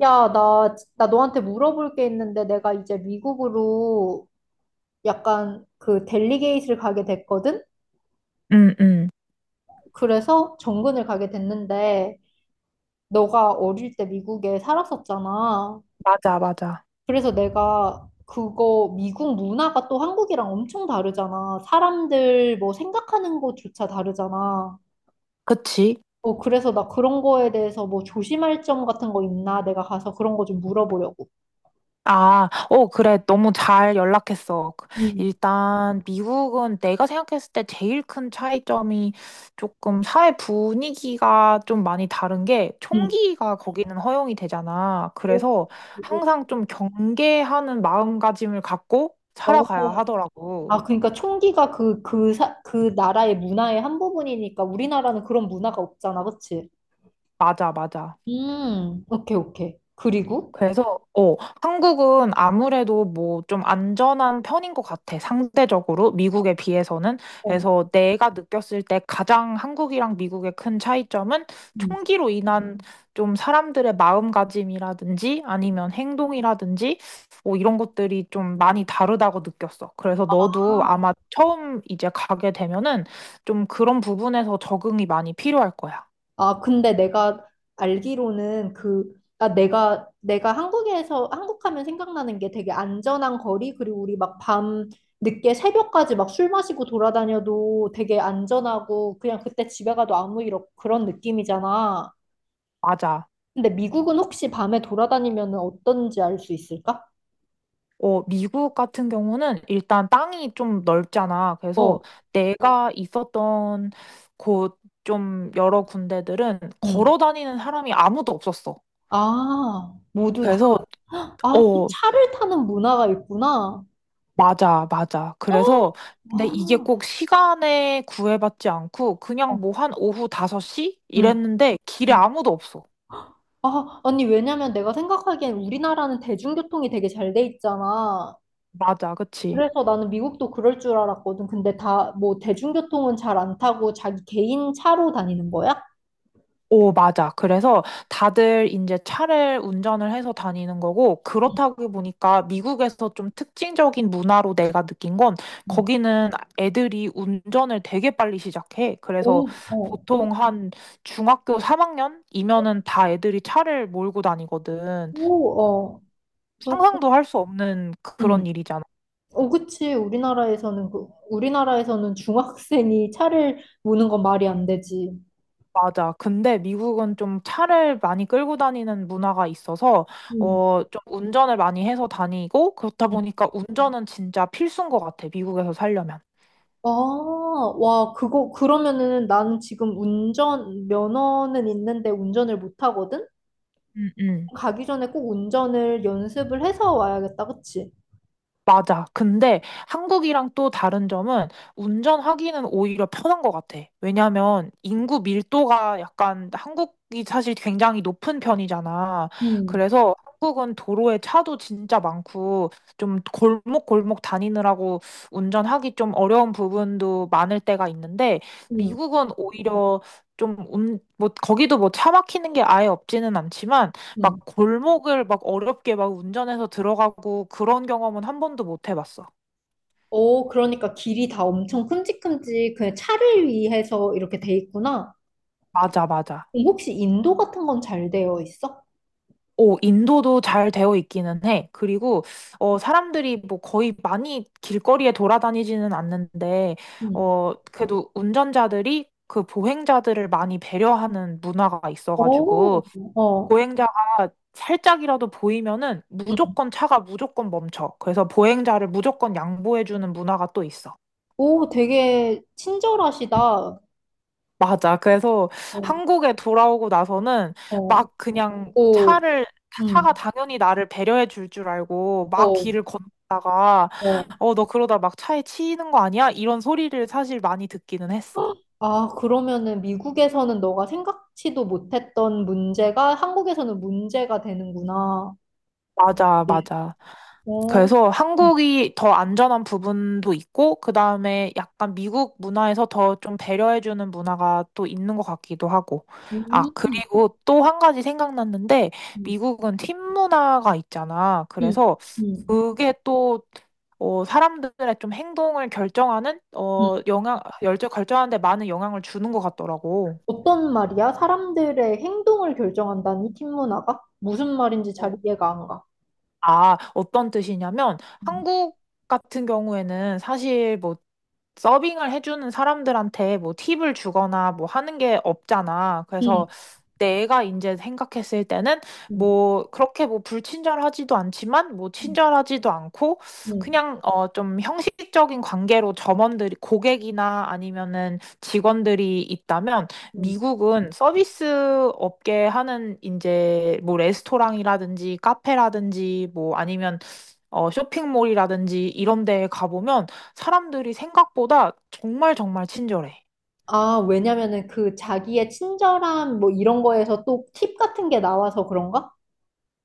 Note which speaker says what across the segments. Speaker 1: 야, 나 너한테 물어볼 게 있는데 내가 이제 미국으로 약간 그 델리게이트를 가게 됐거든?
Speaker 2: 응, 응.
Speaker 1: 그래서 정근을 가게 됐는데 너가 어릴 때 미국에 살았었잖아.
Speaker 2: 맞아, 맞아.
Speaker 1: 그래서 내가 그거 미국 문화가 또 한국이랑 엄청 다르잖아. 사람들 뭐 생각하는 것조차 다르잖아.
Speaker 2: 그치?
Speaker 1: 어, 그래서 나 그런 거에 대해서 뭐 조심할 점 같은 거 있나? 내가 가서 그런 거 좀 물어보려고.
Speaker 2: 아, 어, 그래. 너무 잘 연락했어.
Speaker 1: 응,
Speaker 2: 일단, 미국은 내가 생각했을 때 제일 큰 차이점이 조금 사회 분위기가 좀 많이 다른 게
Speaker 1: 응.
Speaker 2: 총기가 거기는 허용이 되잖아.
Speaker 1: 어,
Speaker 2: 그래서 항상 좀 경계하는 마음가짐을 갖고
Speaker 1: 어,
Speaker 2: 살아가야
Speaker 1: 어.
Speaker 2: 하더라고.
Speaker 1: 아, 그러니까 총기가 그 나라의 문화의 한 부분이니까 우리나라는 그런 문화가 없잖아, 그치?
Speaker 2: 맞아, 맞아.
Speaker 1: 오케이, 오케이. 그리고?
Speaker 2: 그래서, 한국은 아무래도 뭐 좀 안전한 편인 것 같아, 상대적으로. 미국에 비해서는.
Speaker 1: 어,
Speaker 2: 그래서 내가 느꼈을 때 가장 한국이랑 미국의 큰 차이점은
Speaker 1: 음.
Speaker 2: 총기로 인한 좀 사람들의 마음가짐이라든지 아니면 행동이라든지 뭐 이런 것들이 좀 많이 다르다고 느꼈어. 그래서 너도 아마 처음 이제 가게 되면은 좀 그런 부분에서 적응이 많이 필요할 거야.
Speaker 1: 아, 근데 내가 알기로는 그, 아, 내가 한국 하면 생각나는 게 되게 안전한 거리, 그리고 우리 막 밤 늦게 새벽까지 막 술 마시고 돌아다녀도 되게 안전하고, 그냥 그때 집에 가도 그런 느낌이잖아.
Speaker 2: 맞아.
Speaker 1: 근데 미국은 혹시 밤에 돌아다니면 어떤지 알 수 있을까?
Speaker 2: 미국 같은 경우는 일단 땅이 좀 넓잖아. 그래서
Speaker 1: 어.
Speaker 2: 내가 있었던 곳 좀 여러 군데들은
Speaker 1: 응.
Speaker 2: 걸어 다니는 사람이 아무도 없었어.
Speaker 1: 아, 모두 다.
Speaker 2: 그래서,
Speaker 1: 헉, 아, 또
Speaker 2: 어,
Speaker 1: 차를 타는 문화가 있구나.
Speaker 2: 맞아, 맞아.
Speaker 1: 어,
Speaker 2: 근데 이게
Speaker 1: 아,
Speaker 2: 꼭 시간에 구애받지 않고 그냥
Speaker 1: 어,
Speaker 2: 뭐 한 오후 5시?
Speaker 1: 응.
Speaker 2: 이랬는데 길에
Speaker 1: 응.
Speaker 2: 아무도 없어.
Speaker 1: 아, 아니, 왜냐면 내가 생각하기엔 우리나라는 대중교통이 되게 잘 돼 있잖아.
Speaker 2: 맞아, 그치?
Speaker 1: 그래서 나는 미국도 그럴 줄 알았거든. 근데 다, 뭐, 대중교통은 잘 안 타고 자기 개인 차로 다니는 거야?
Speaker 2: 오, 맞아. 그래서 다들 이제 차를 운전을 해서 다니는 거고,
Speaker 1: 응.
Speaker 2: 그렇다고 보니까 미국에서 좀 특징적인 문화로 내가 느낀 건,
Speaker 1: 응.
Speaker 2: 거기는 애들이 운전을 되게 빨리 시작해. 그래서
Speaker 1: 오, 어,
Speaker 2: 보통 한 중학교 3학년이면은 다 애들이 차를 몰고 다니거든.
Speaker 1: 오, 어. 그렇고,
Speaker 2: 상상도 할 수 없는
Speaker 1: 응.
Speaker 2: 그런 일이잖아.
Speaker 1: 어, 그치. 우리나라에서는, 그, 우리나라에서는 중학생이 차를 모는 건 말이 안 되지.
Speaker 2: 맞아. 근데 미국은 좀 차를 많이 끌고 다니는 문화가 있어서,
Speaker 1: 음.
Speaker 2: 좀 운전을 많이 해서 다니고, 그렇다 보니까 운전은 진짜 필수인 것 같아. 미국에서 살려면.
Speaker 1: 아, 와, 그거, 그러면은 나는 지금 운전, 면허는 있는데 운전을 못 하거든?
Speaker 2: 음, 음.
Speaker 1: 가기 전에 꼭 운전을 연습을 해서 와야겠다, 그치?
Speaker 2: 맞아. 근데 한국이랑 또 다른 점은 운전하기는 오히려 편한 것 같아. 왜냐하면 인구 밀도가 약간 한국이 사실 굉장히 높은 편이잖아.
Speaker 1: 음,
Speaker 2: 그래서 한국은 도로에 차도 진짜 많고 좀 골목골목 다니느라고 운전하기 좀 어려운 부분도 많을 때가 있는데
Speaker 1: 응,
Speaker 2: 미국은 오히려 좀 뭐 거기도 뭐 차 막히는 게 아예 없지는 않지만 막
Speaker 1: 응.
Speaker 2: 골목을 막 어렵게 막 운전해서 들어가고 그런 경험은 한 번도 못 해봤어.
Speaker 1: 오, 그러니까 길이 다 엄청 큼직큼직 그냥 차를 위해서 이렇게 돼 있구나.
Speaker 2: 맞아, 맞아.
Speaker 1: 그럼 혹시 인도 같은 건 잘 되어 있어?
Speaker 2: 오, 인도도 잘 되어 있기는 해. 그리고, 사람들이 뭐 거의 많이 길거리에 돌아다니지는 않는데,
Speaker 1: 음.
Speaker 2: 그래도 운전자들이 그 보행자들을 많이 배려하는 문화가
Speaker 1: 오,
Speaker 2: 있어가지고,
Speaker 1: 어,
Speaker 2: 보행자가 살짝이라도 보이면은
Speaker 1: 응.
Speaker 2: 무조건 차가 무조건 멈춰. 그래서 보행자를 무조건 양보해주는 문화가 또 있어.
Speaker 1: 오, 되게 친절하시다. 어,
Speaker 2: 맞아. 그래서 한국에 돌아오고 나서는
Speaker 1: 어,
Speaker 2: 막 그냥
Speaker 1: 오,
Speaker 2: 차가
Speaker 1: 응,
Speaker 2: 당연히 나를 배려해 줄 줄 알고 막
Speaker 1: 어,
Speaker 2: 길을 걷다가,
Speaker 1: 어.
Speaker 2: 너 그러다 막 차에 치이는 거 아니야? 이런 소리를 사실 많이 듣기는 했어.
Speaker 1: 아, 그러면은 미국에서는 너가 생각지도 못했던 문제가 한국에서는 문제가 되는구나.
Speaker 2: 맞아,
Speaker 1: 네.
Speaker 2: 맞아.
Speaker 1: 어.
Speaker 2: 그래서
Speaker 1: 음.
Speaker 2: 한국이 더 안전한 부분도 있고, 그 다음에 약간 미국 문화에서 더 좀 배려해주는 문화가 또 있는 것 같기도 하고.
Speaker 1: 음.
Speaker 2: 아,
Speaker 1: 음.
Speaker 2: 그리고 또 한 가지 생각났는데, 미국은 팀 문화가 있잖아.
Speaker 1: 음.
Speaker 2: 그래서
Speaker 1: 음.
Speaker 2: 그게 또, 사람들의 좀 행동을 결정하는,
Speaker 1: 음.
Speaker 2: 열정 결정하는 데 많은 영향을 주는 것 같더라고.
Speaker 1: 어떤 말이야? 사람들의 행동을 결정한다니, 팀 문화가? 무슨 말인지 잘 이해가 안 가.
Speaker 2: 아, 어떤 뜻이냐면
Speaker 1: 음.
Speaker 2: 한국 같은 경우에는 사실 뭐 서빙을 해주는 사람들한테 뭐 팁을 주거나 뭐 하는 게 없잖아.
Speaker 1: 음.
Speaker 2: 그래서 내가 이제 생각했을 때는
Speaker 1: 음.
Speaker 2: 뭐 그렇게 뭐 불친절하지도 않지만 뭐
Speaker 1: 음.
Speaker 2: 친절하지도 않고
Speaker 1: 음.
Speaker 2: 그냥 좀 형식적인 관계로 점원들이 고객이나 아니면은 직원들이 있다면
Speaker 1: 음.
Speaker 2: 미국은 서비스 업계 하는 이제 뭐 레스토랑이라든지 카페라든지 뭐 아니면 쇼핑몰이라든지 이런 데에 가보면 사람들이 생각보다 정말 정말 친절해.
Speaker 1: 아, 왜냐면은 그 자기의 친절함 뭐 이런 거에서 또 팁 같은 게 나와서 그런가?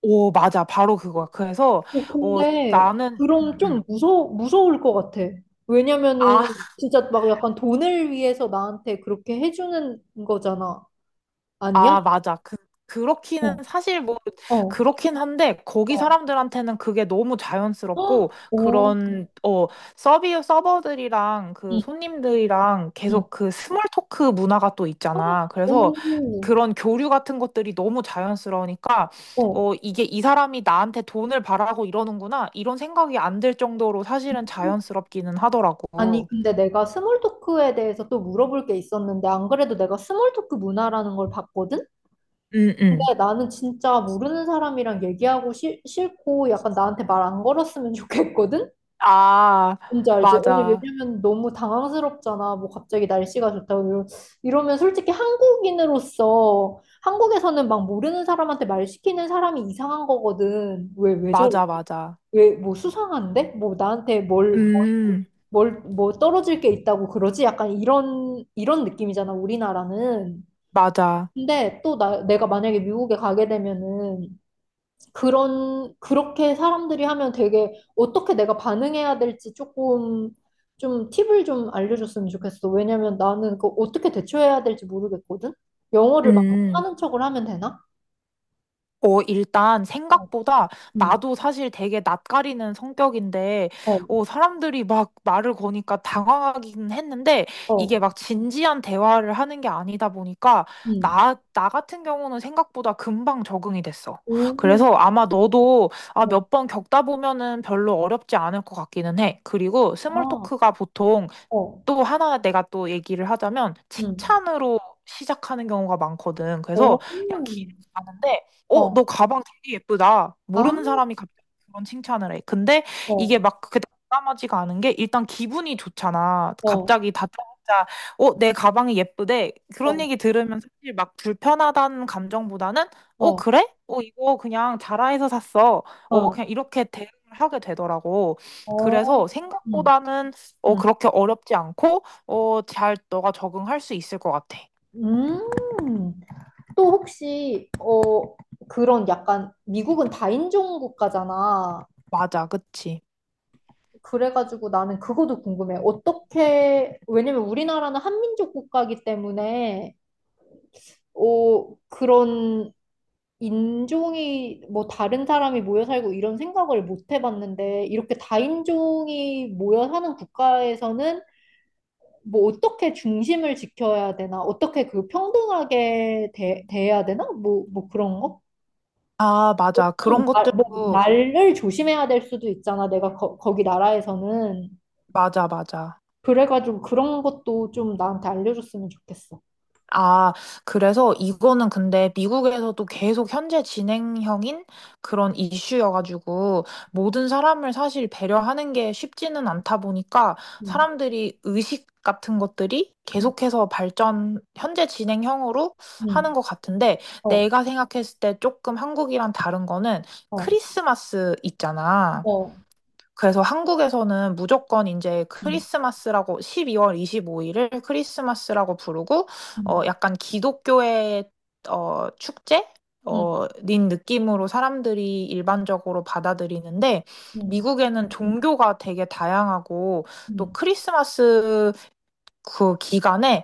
Speaker 2: 오, 맞아. 바로 그거야. 그래서
Speaker 1: 어,
Speaker 2: 어
Speaker 1: 근데
Speaker 2: 나는
Speaker 1: 그럼 좀 무서울 것 같아. 왜냐면은
Speaker 2: 아,
Speaker 1: 진짜 막 약간 돈을 위해서 나한테 그렇게 해주는 거잖아. 아니야?
Speaker 2: 아, 맞아. 그렇기는
Speaker 1: 어,
Speaker 2: 사실 뭐,
Speaker 1: 어,
Speaker 2: 그렇긴 한데, 거기
Speaker 1: 어,
Speaker 2: 사람들한테는 그게 너무
Speaker 1: 헉,
Speaker 2: 자연스럽고,
Speaker 1: 오,
Speaker 2: 그런, 서비 서버들이랑 그
Speaker 1: 응,
Speaker 2: 손님들이랑
Speaker 1: 응,
Speaker 2: 계속 그 스몰 토크 문화가 또
Speaker 1: 헉,
Speaker 2: 있잖아. 그래서
Speaker 1: 오,
Speaker 2: 그런 교류 같은 것들이 너무 자연스러우니까,
Speaker 1: 어.
Speaker 2: 이게 이 사람이 나한테 돈을 바라고 이러는구나. 이런 생각이 안 들 정도로 사실은 자연스럽기는
Speaker 1: 아니
Speaker 2: 하더라고.
Speaker 1: 근데 내가 스몰 토크에 대해서 또 물어볼 게 있었는데 안 그래도 내가 스몰 토크 문화라는 걸 봤거든?
Speaker 2: 응,
Speaker 1: 근데
Speaker 2: 응.
Speaker 1: 나는 진짜 모르는 사람이랑 얘기하고 싫고 약간 나한테 말 안 걸었으면 좋겠거든?
Speaker 2: 아,
Speaker 1: 뭔지 알지? 아니,
Speaker 2: 맞아.
Speaker 1: 왜냐면 너무 당황스럽잖아. 뭐 갑자기 날씨가 좋다고. 이러면 솔직히 한국인으로서 한국에서는 막 모르는 사람한테 말 시키는 사람이 이상한 거거든. 왜 저래?
Speaker 2: 맞아, 맞아.
Speaker 1: 왜, 뭐 수상한데? 뭐 나한테 뭘,
Speaker 2: 음.
Speaker 1: 뭘, 뭐 떨어질 게 있다고 그러지? 약간 이런 느낌이잖아, 우리나라는.
Speaker 2: 맞아.
Speaker 1: 근데 또 내가 만약에 미국에 가게 되면은 그렇게 사람들이 하면 되게 어떻게 내가 반응해야 될지 조금 좀 팁을 좀 알려줬으면 좋겠어. 왜냐면 나는 그 어떻게 대처해야 될지 모르겠거든? 영어를 막
Speaker 2: 음.
Speaker 1: 하는 척을 하면 되나?
Speaker 2: 일단
Speaker 1: 어,
Speaker 2: 생각보다
Speaker 1: 음,
Speaker 2: 나도 사실 되게 낯가리는 성격인데,
Speaker 1: 어,
Speaker 2: 사람들이 막 말을 거니까 당황하긴 했는데, 이게
Speaker 1: 어,
Speaker 2: 막 진지한 대화를 하는 게 아니다 보니까,
Speaker 1: 음,
Speaker 2: 나 같은 경우는 생각보다 금방 적응이 됐어.
Speaker 1: 오,
Speaker 2: 그래서 아마 너도
Speaker 1: 어,
Speaker 2: 몇 번 겪다 보면은 별로 어렵지 않을 것 같기는 해. 그리고 스몰
Speaker 1: 아,
Speaker 2: 토크가 보통
Speaker 1: 어,
Speaker 2: 또 하나 내가 또 얘기를 하자면
Speaker 1: 음,
Speaker 2: 칭찬으로 시작하는 경우가 많거든.
Speaker 1: 어,
Speaker 2: 그래서 그냥 길에서 가는데
Speaker 1: 어,
Speaker 2: 너 가방 되게 예쁘다.
Speaker 1: 아,
Speaker 2: 모르는 사람이 갑자기 그런 칭찬을 해. 근데 이게
Speaker 1: 어,
Speaker 2: 막 그게 담아지가 않은 게 일단 기분이 좋잖아.
Speaker 1: 어,
Speaker 2: 갑자기 다짜고짜 내 가방이 예쁘대. 그런
Speaker 1: 어,
Speaker 2: 얘기 들으면 사실 막 불편하다는 감정보다는
Speaker 1: 어,
Speaker 2: 그래? 어, 이거 그냥 자라에서 샀어.
Speaker 1: 어,
Speaker 2: 그냥 이렇게 대응을 하게 되더라고.
Speaker 1: 어,
Speaker 2: 그래서
Speaker 1: 음,
Speaker 2: 생각보다는
Speaker 1: 음,
Speaker 2: 그렇게 어렵지 않고, 잘 너가 적응할 수 있을 것 같아.
Speaker 1: 음. 또 혹시 어 그런 약간 미국은 다인종 국가잖아.
Speaker 2: 맞아, 그치?
Speaker 1: 그래가지고 나는 그것도 궁금해. 어떻게 왜냐면 우리나라는 한민족 국가이기 때문에 어 그런 인종이 뭐 다른 사람이 모여 살고 이런 생각을 못 해봤는데 이렇게 다인종이 모여 사는 국가에서는 뭐 어떻게 중심을 지켜야 되나? 어떻게 그 평등하게 대해야 되나? 뭐 뭐 그런 거?
Speaker 2: 아, 맞아. 그런
Speaker 1: 아, 뭐
Speaker 2: 것들도,
Speaker 1: 날을 조심해야 될 수도 있잖아. 내가 거기 나라에서는
Speaker 2: 맞아, 맞아.
Speaker 1: 그래가지고 그런 것도 좀 나한테 알려줬으면 좋겠어.
Speaker 2: 아, 그래서 이거는 근데 미국에서도 계속 현재 진행형인 그런 이슈여가지고 모든 사람을 사실 배려하는 게 쉽지는 않다 보니까
Speaker 1: 응,
Speaker 2: 사람들이 의식 같은 것들이
Speaker 1: 응,
Speaker 2: 계속해서 발전, 현재 진행형으로 하는
Speaker 1: 응,
Speaker 2: 것 같은데
Speaker 1: 어,
Speaker 2: 내가 생각했을 때 조금 한국이랑 다른 거는
Speaker 1: 어,
Speaker 2: 크리스마스 있잖아.
Speaker 1: 어,
Speaker 2: 그래서 한국에서는 무조건 이제
Speaker 1: 응,
Speaker 2: 크리스마스라고 12월 25 일을 크리스마스라고 부르고
Speaker 1: 응,
Speaker 2: 약간 기독교의 축제
Speaker 1: 응,
Speaker 2: 인 느낌으로 사람들이 일반적으로 받아들이는데
Speaker 1: 응,
Speaker 2: 미국에는 종교가 되게 다양하고 또
Speaker 1: 응,
Speaker 2: 크리스마스 그 기간에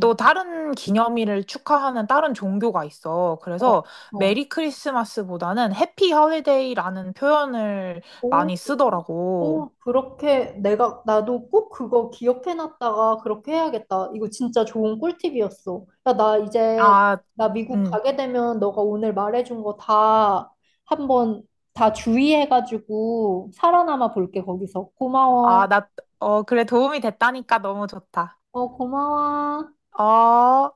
Speaker 2: 또 다른 기념일을 축하하는 다른 종교가 있어.
Speaker 1: 어,
Speaker 2: 그래서 메리 크리스마스보다는 해피 홀리데이라는 표현을
Speaker 1: 어.
Speaker 2: 많이 쓰더라고.
Speaker 1: 오, 그렇게 내가, 나도 꼭 그거 기억해놨다가 그렇게 해야겠다. 이거 진짜 좋은 꿀팁이었어. 야, 나 이제,
Speaker 2: 아,
Speaker 1: 나 미국
Speaker 2: 음.
Speaker 1: 가게 되면 너가 오늘 말해준 거 다 한번 다 주의해가지고 살아남아 볼게, 거기서. 고마워.
Speaker 2: 아, 나, 어, 그래, 도움이 됐다니까 너무 좋다.
Speaker 1: 어, 고마워.
Speaker 2: 어.